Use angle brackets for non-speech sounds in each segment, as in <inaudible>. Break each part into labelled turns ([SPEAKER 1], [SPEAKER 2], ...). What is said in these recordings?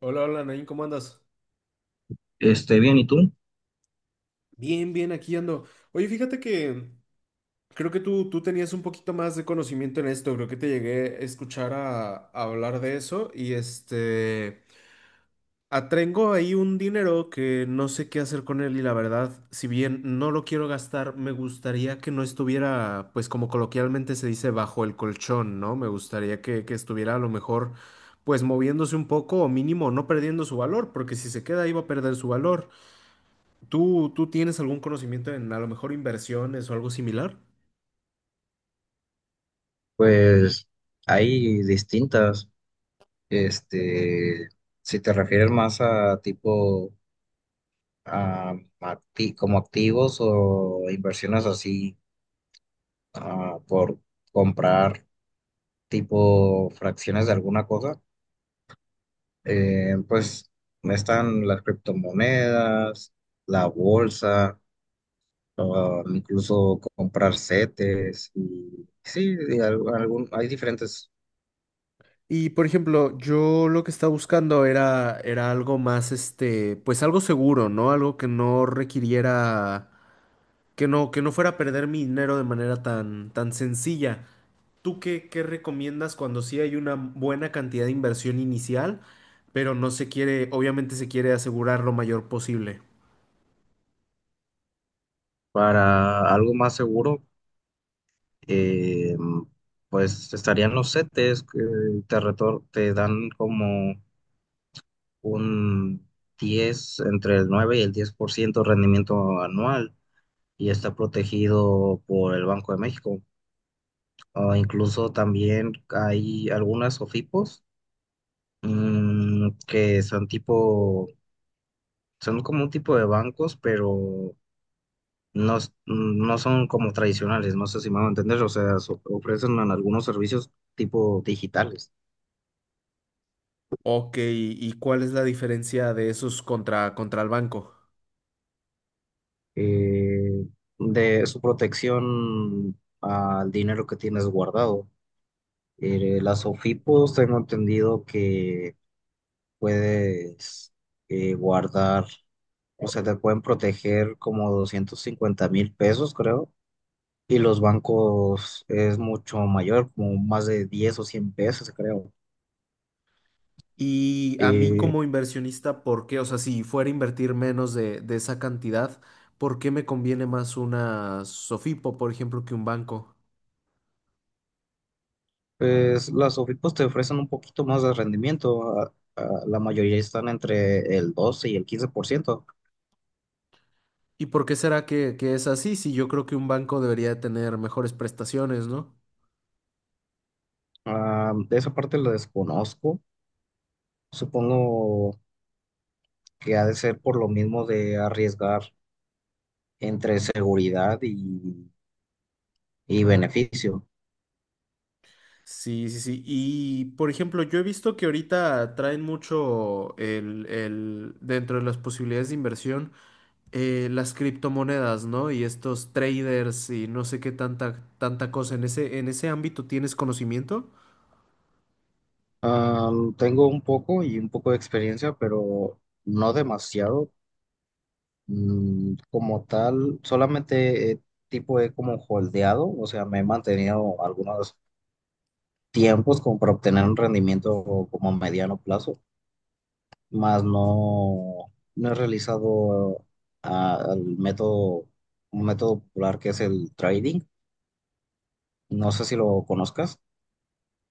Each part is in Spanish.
[SPEAKER 1] Hola, hola, Nain, ¿cómo andas?
[SPEAKER 2] Bien, ¿y tú?
[SPEAKER 1] Bien, bien, aquí ando. Oye, fíjate que creo que tú tenías un poquito más de conocimiento en esto, creo que te llegué a escuchar a hablar de eso y este, atrengo ahí un dinero que no sé qué hacer con él y la verdad, si bien no lo quiero gastar, me gustaría que no estuviera, pues como coloquialmente se dice, bajo el colchón, ¿no? Me gustaría que estuviera a lo mejor, pues moviéndose un poco o mínimo no perdiendo su valor, porque si se queda ahí va a perder su valor. ¿Tú tienes algún conocimiento en a lo mejor inversiones o algo similar?
[SPEAKER 2] Pues hay distintas, este, si te refieres más a tipo, a, como activos o inversiones así, por comprar tipo fracciones de alguna cosa, pues están las criptomonedas, la bolsa, incluso comprar CETES y sí, y algún, hay diferentes
[SPEAKER 1] Y por ejemplo, yo lo que estaba buscando era algo más, este, pues algo seguro, ¿no? Algo que no requiriera, que no fuera a perder mi dinero de manera tan sencilla. ¿Tú qué recomiendas cuando sí hay una buena cantidad de inversión inicial, pero no se quiere, obviamente se quiere asegurar lo mayor posible?
[SPEAKER 2] para algo más seguro, eh, pues estarían los CETES que te dan como un diez, entre el 9 y el 10% de rendimiento anual, y está protegido por el Banco de México. O incluso también hay algunas OFIPOS, que son tipo, son como un tipo de bancos, pero no, no son como tradicionales, no sé si me van a entender, o sea, ofrecen algunos servicios tipo digitales.
[SPEAKER 1] Ok, ¿y cuál es la diferencia de esos contra el banco?
[SPEAKER 2] eh, de su protección al dinero que tienes guardado. Las OFIPOS tengo entendido que puedes, guardar, o sea, te pueden proteger como 250,000 pesos, creo. Y los bancos es mucho mayor, como más de 10 o 100 pesos, creo.
[SPEAKER 1] Y a mí
[SPEAKER 2] Y
[SPEAKER 1] como inversionista, ¿por qué? O sea, si fuera a invertir de esa cantidad, ¿por qué me conviene más una Sofipo, por ejemplo, que un banco?
[SPEAKER 2] pues las OFIPOS te ofrecen un poquito más de rendimiento. La mayoría están entre el 12 y el 15%.
[SPEAKER 1] ¿Y por qué será que es así? Si yo creo que un banco debería de tener mejores prestaciones, ¿no?
[SPEAKER 2] Ah, de esa parte la desconozco. Supongo que ha de ser por lo mismo de arriesgar entre seguridad y beneficio.
[SPEAKER 1] Sí, sí, sí. Y, por ejemplo, yo he visto que ahorita traen mucho dentro de las posibilidades de inversión, las criptomonedas, ¿no? Y estos traders y no sé qué tanta cosa. En ese ámbito tienes conocimiento?
[SPEAKER 2] Ah, tengo un poco y un poco de experiencia, pero no demasiado. Mm, como tal, solamente, tipo he como holdeado, o sea, me he mantenido algunos tiempos como para obtener un rendimiento como a mediano plazo, más no, no he realizado, el método, un método popular que es el trading. No sé si lo conozcas.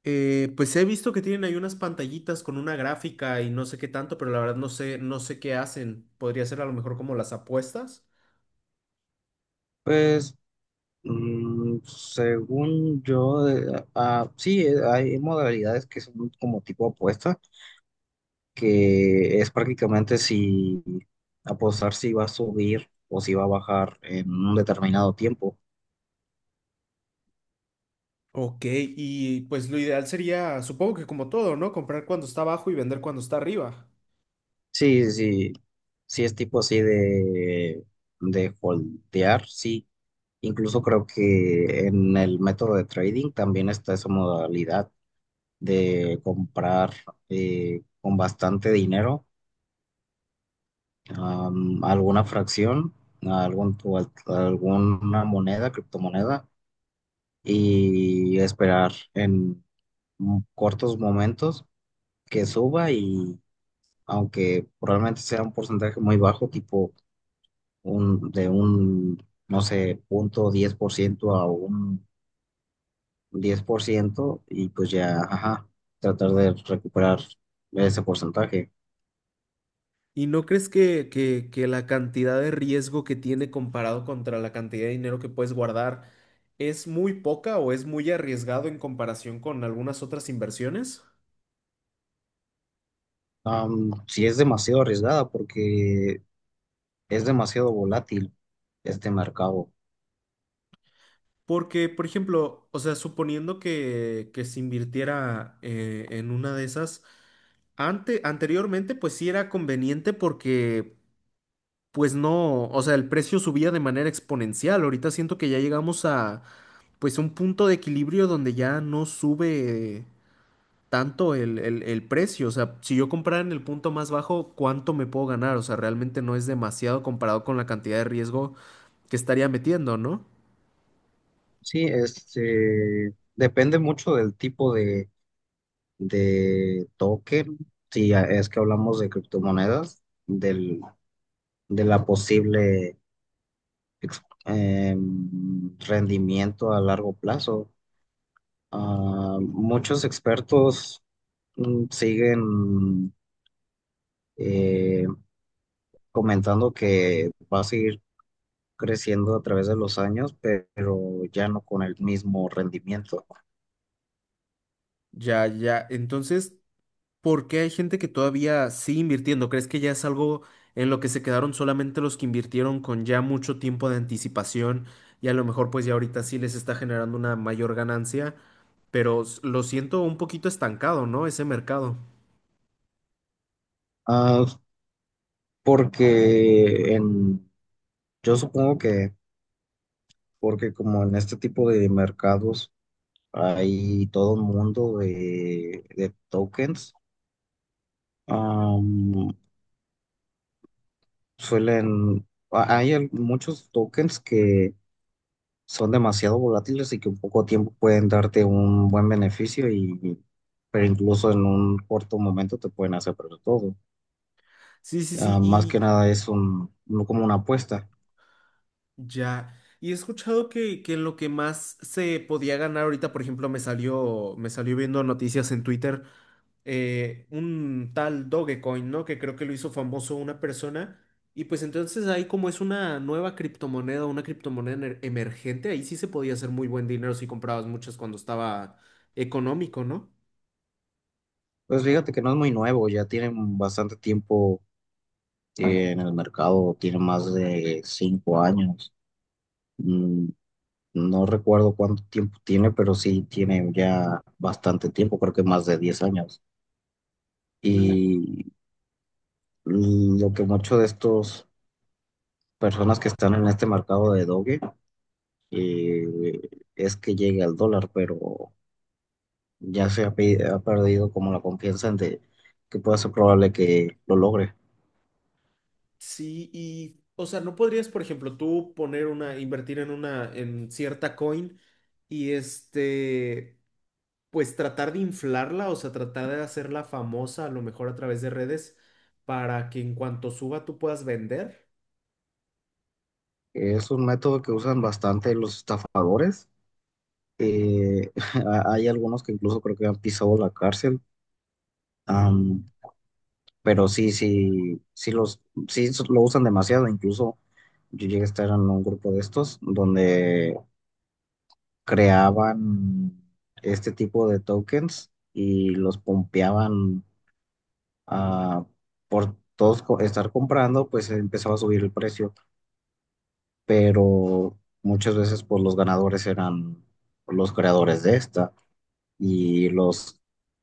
[SPEAKER 1] Pues he visto que tienen ahí unas pantallitas con una gráfica y no sé qué tanto, pero la verdad no sé qué hacen. Podría ser a lo mejor como las apuestas.
[SPEAKER 2] Pues, mm, según yo, sí, hay modalidades que son como tipo apuesta, que es prácticamente si apostar si va a subir o si va a bajar en un determinado tiempo.
[SPEAKER 1] Ok, y pues lo ideal sería, supongo que como todo, ¿no? Comprar cuando está abajo y vender cuando está arriba.
[SPEAKER 2] Sí, sí, sí es tipo así de holdear, sí. Incluso creo que en el método de trading también está esa modalidad de comprar, con bastante dinero, alguna fracción, algún, o alguna moneda, criptomoneda, y esperar en cortos momentos que suba y, aunque probablemente sea un porcentaje muy bajo, tipo un, de un, no sé, punto 10% a un diez por ciento, y pues ya, ajá, tratar de recuperar ese porcentaje.
[SPEAKER 1] ¿Y no crees que la cantidad de riesgo que tiene comparado contra la cantidad de dinero que puedes guardar es muy poca o es muy arriesgado en comparación con algunas otras inversiones?
[SPEAKER 2] Am, sí es demasiado arriesgada porque es demasiado volátil este mercado.
[SPEAKER 1] Porque, por ejemplo, o sea, suponiendo que se invirtiera en una de esas, anteriormente pues sí era conveniente porque pues no, o sea, el precio subía de manera exponencial. Ahorita siento que ya llegamos a pues un punto de equilibrio donde ya no sube tanto el precio. O sea, si yo comprara en el punto más bajo, ¿cuánto me puedo ganar? O sea, realmente no es demasiado comparado con la cantidad de riesgo que estaría metiendo, ¿no?
[SPEAKER 2] Sí, este, depende mucho del tipo de token, si es que hablamos de criptomonedas, del, de la posible rendimiento a largo plazo. Ah, muchos expertos, mm, siguen, eh, comentando que va a seguir creciendo a través de los años, pero ya no con el mismo rendimiento.
[SPEAKER 1] Ya, ya. Entonces, ¿por qué hay gente que todavía sigue invirtiendo? ¿Crees que ya es algo en lo que se quedaron solamente los que invirtieron con ya mucho tiempo de anticipación y a lo mejor pues ya ahorita sí les está generando una mayor ganancia? Pero lo siento un poquito estancado, ¿no? Ese mercado.
[SPEAKER 2] Ah, porque en, yo supongo que, porque como en este tipo de mercados hay todo un mundo de tokens, am, suelen, hay muchos tokens que son demasiado volátiles y que en poco tiempo pueden darte un buen beneficio y, pero incluso en un corto momento te pueden hacer perder todo.
[SPEAKER 1] Sí, sí, sí,
[SPEAKER 2] Ah, más que
[SPEAKER 1] y
[SPEAKER 2] nada es un, no como una apuesta.
[SPEAKER 1] ya. Y he escuchado que en lo que más se podía ganar ahorita, por ejemplo, me salió viendo noticias en Twitter un tal Dogecoin, ¿no? Que creo que lo hizo famoso una persona. Y pues entonces ahí como es una nueva criptomoneda, una criptomoneda emergente, ahí sí se podía hacer muy buen dinero si comprabas muchas cuando estaba económico, ¿no?
[SPEAKER 2] Pues fíjate que no es muy nuevo, ya tienen bastante tiempo, en el mercado, tiene más de 5 años. Mm, no recuerdo cuánto tiempo tiene, pero sí tiene ya bastante tiempo, creo que más de 10 años.
[SPEAKER 1] Y
[SPEAKER 2] Y lo que muchos de estos personas que están en este mercado de doge, eh, es que llegue al dólar, pero ya se ha, ha perdido como la confianza en de que pueda ser probable que lo logre.
[SPEAKER 1] sí, y o sea, no podrías, por ejemplo, tú poner una, invertir en una, en cierta coin y este, pues tratar de inflarla, o sea, tratar de hacerla famosa a lo mejor a través de redes para que en cuanto suba tú puedas vender.
[SPEAKER 2] Es un método que usan bastante los estafadores. eh, <laughs> Hay algunos que incluso creo que han pisado la cárcel, am, pero sí, sí, sí, los, sí lo usan demasiado. Incluso yo llegué a estar en un grupo de estos donde creaban este tipo de tokens y los pompeaban, ah, por todos estar comprando, pues empezaba a subir el precio, pero muchas veces pues los ganadores eran los creadores de esta y los,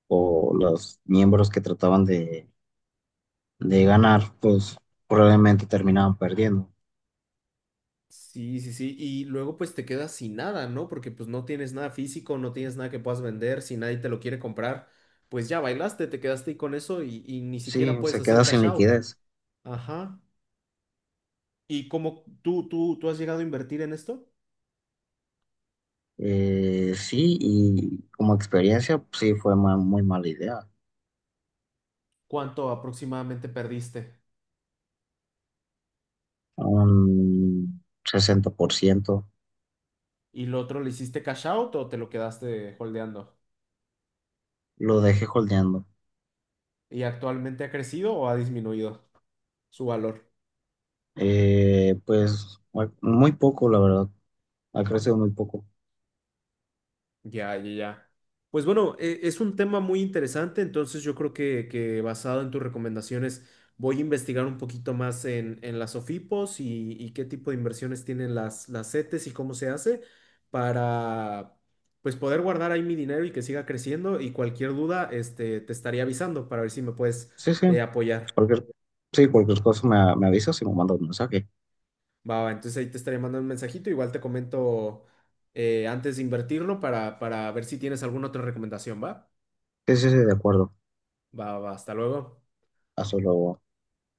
[SPEAKER 2] o los miembros que trataban de ganar, pues probablemente terminaban perdiendo.
[SPEAKER 1] Sí, sí, sí. Y luego pues te quedas sin nada, ¿no? Porque pues no tienes nada físico, no tienes nada que puedas vender, si nadie te lo quiere comprar, pues ya bailaste, te quedaste ahí con eso y ni siquiera
[SPEAKER 2] Sí,
[SPEAKER 1] puedes
[SPEAKER 2] se
[SPEAKER 1] hacer
[SPEAKER 2] queda sin
[SPEAKER 1] cash out.
[SPEAKER 2] liquidez.
[SPEAKER 1] Ajá. ¿Y cómo tú has llegado a invertir en esto?
[SPEAKER 2] Sí, y como experiencia, pues, sí fue muy mala idea.
[SPEAKER 1] ¿Cuánto aproximadamente perdiste?
[SPEAKER 2] un 60%.
[SPEAKER 1] ¿Y lo otro le hiciste cash out o te lo quedaste holdeando?
[SPEAKER 2] Lo dejé holdeando.
[SPEAKER 1] ¿Y actualmente ha crecido o ha disminuido su valor?
[SPEAKER 2] Pues muy muy poco, la verdad. Ha crecido muy poco.
[SPEAKER 1] Ya, ya, ya. Pues bueno, es un tema muy interesante, entonces yo creo que basado en tus recomendaciones voy a investigar un poquito más en las OFIPOS y qué tipo de inversiones tienen las CETES y cómo se hace para pues poder guardar ahí mi dinero y que siga creciendo y cualquier duda este, te estaría avisando para ver si me puedes
[SPEAKER 2] Sí, sí.
[SPEAKER 1] apoyar.
[SPEAKER 2] Cualquier, sí, cualquier cosa me, me avisas y me mandas un mensaje.
[SPEAKER 1] Va, va, entonces ahí te estaré mandando un mensajito, igual te comento antes de invertirlo para ver si tienes alguna otra recomendación, ¿va?
[SPEAKER 2] Sí, sí, sí, de acuerdo.
[SPEAKER 1] Va, va, hasta luego.
[SPEAKER 2] Hasta luego.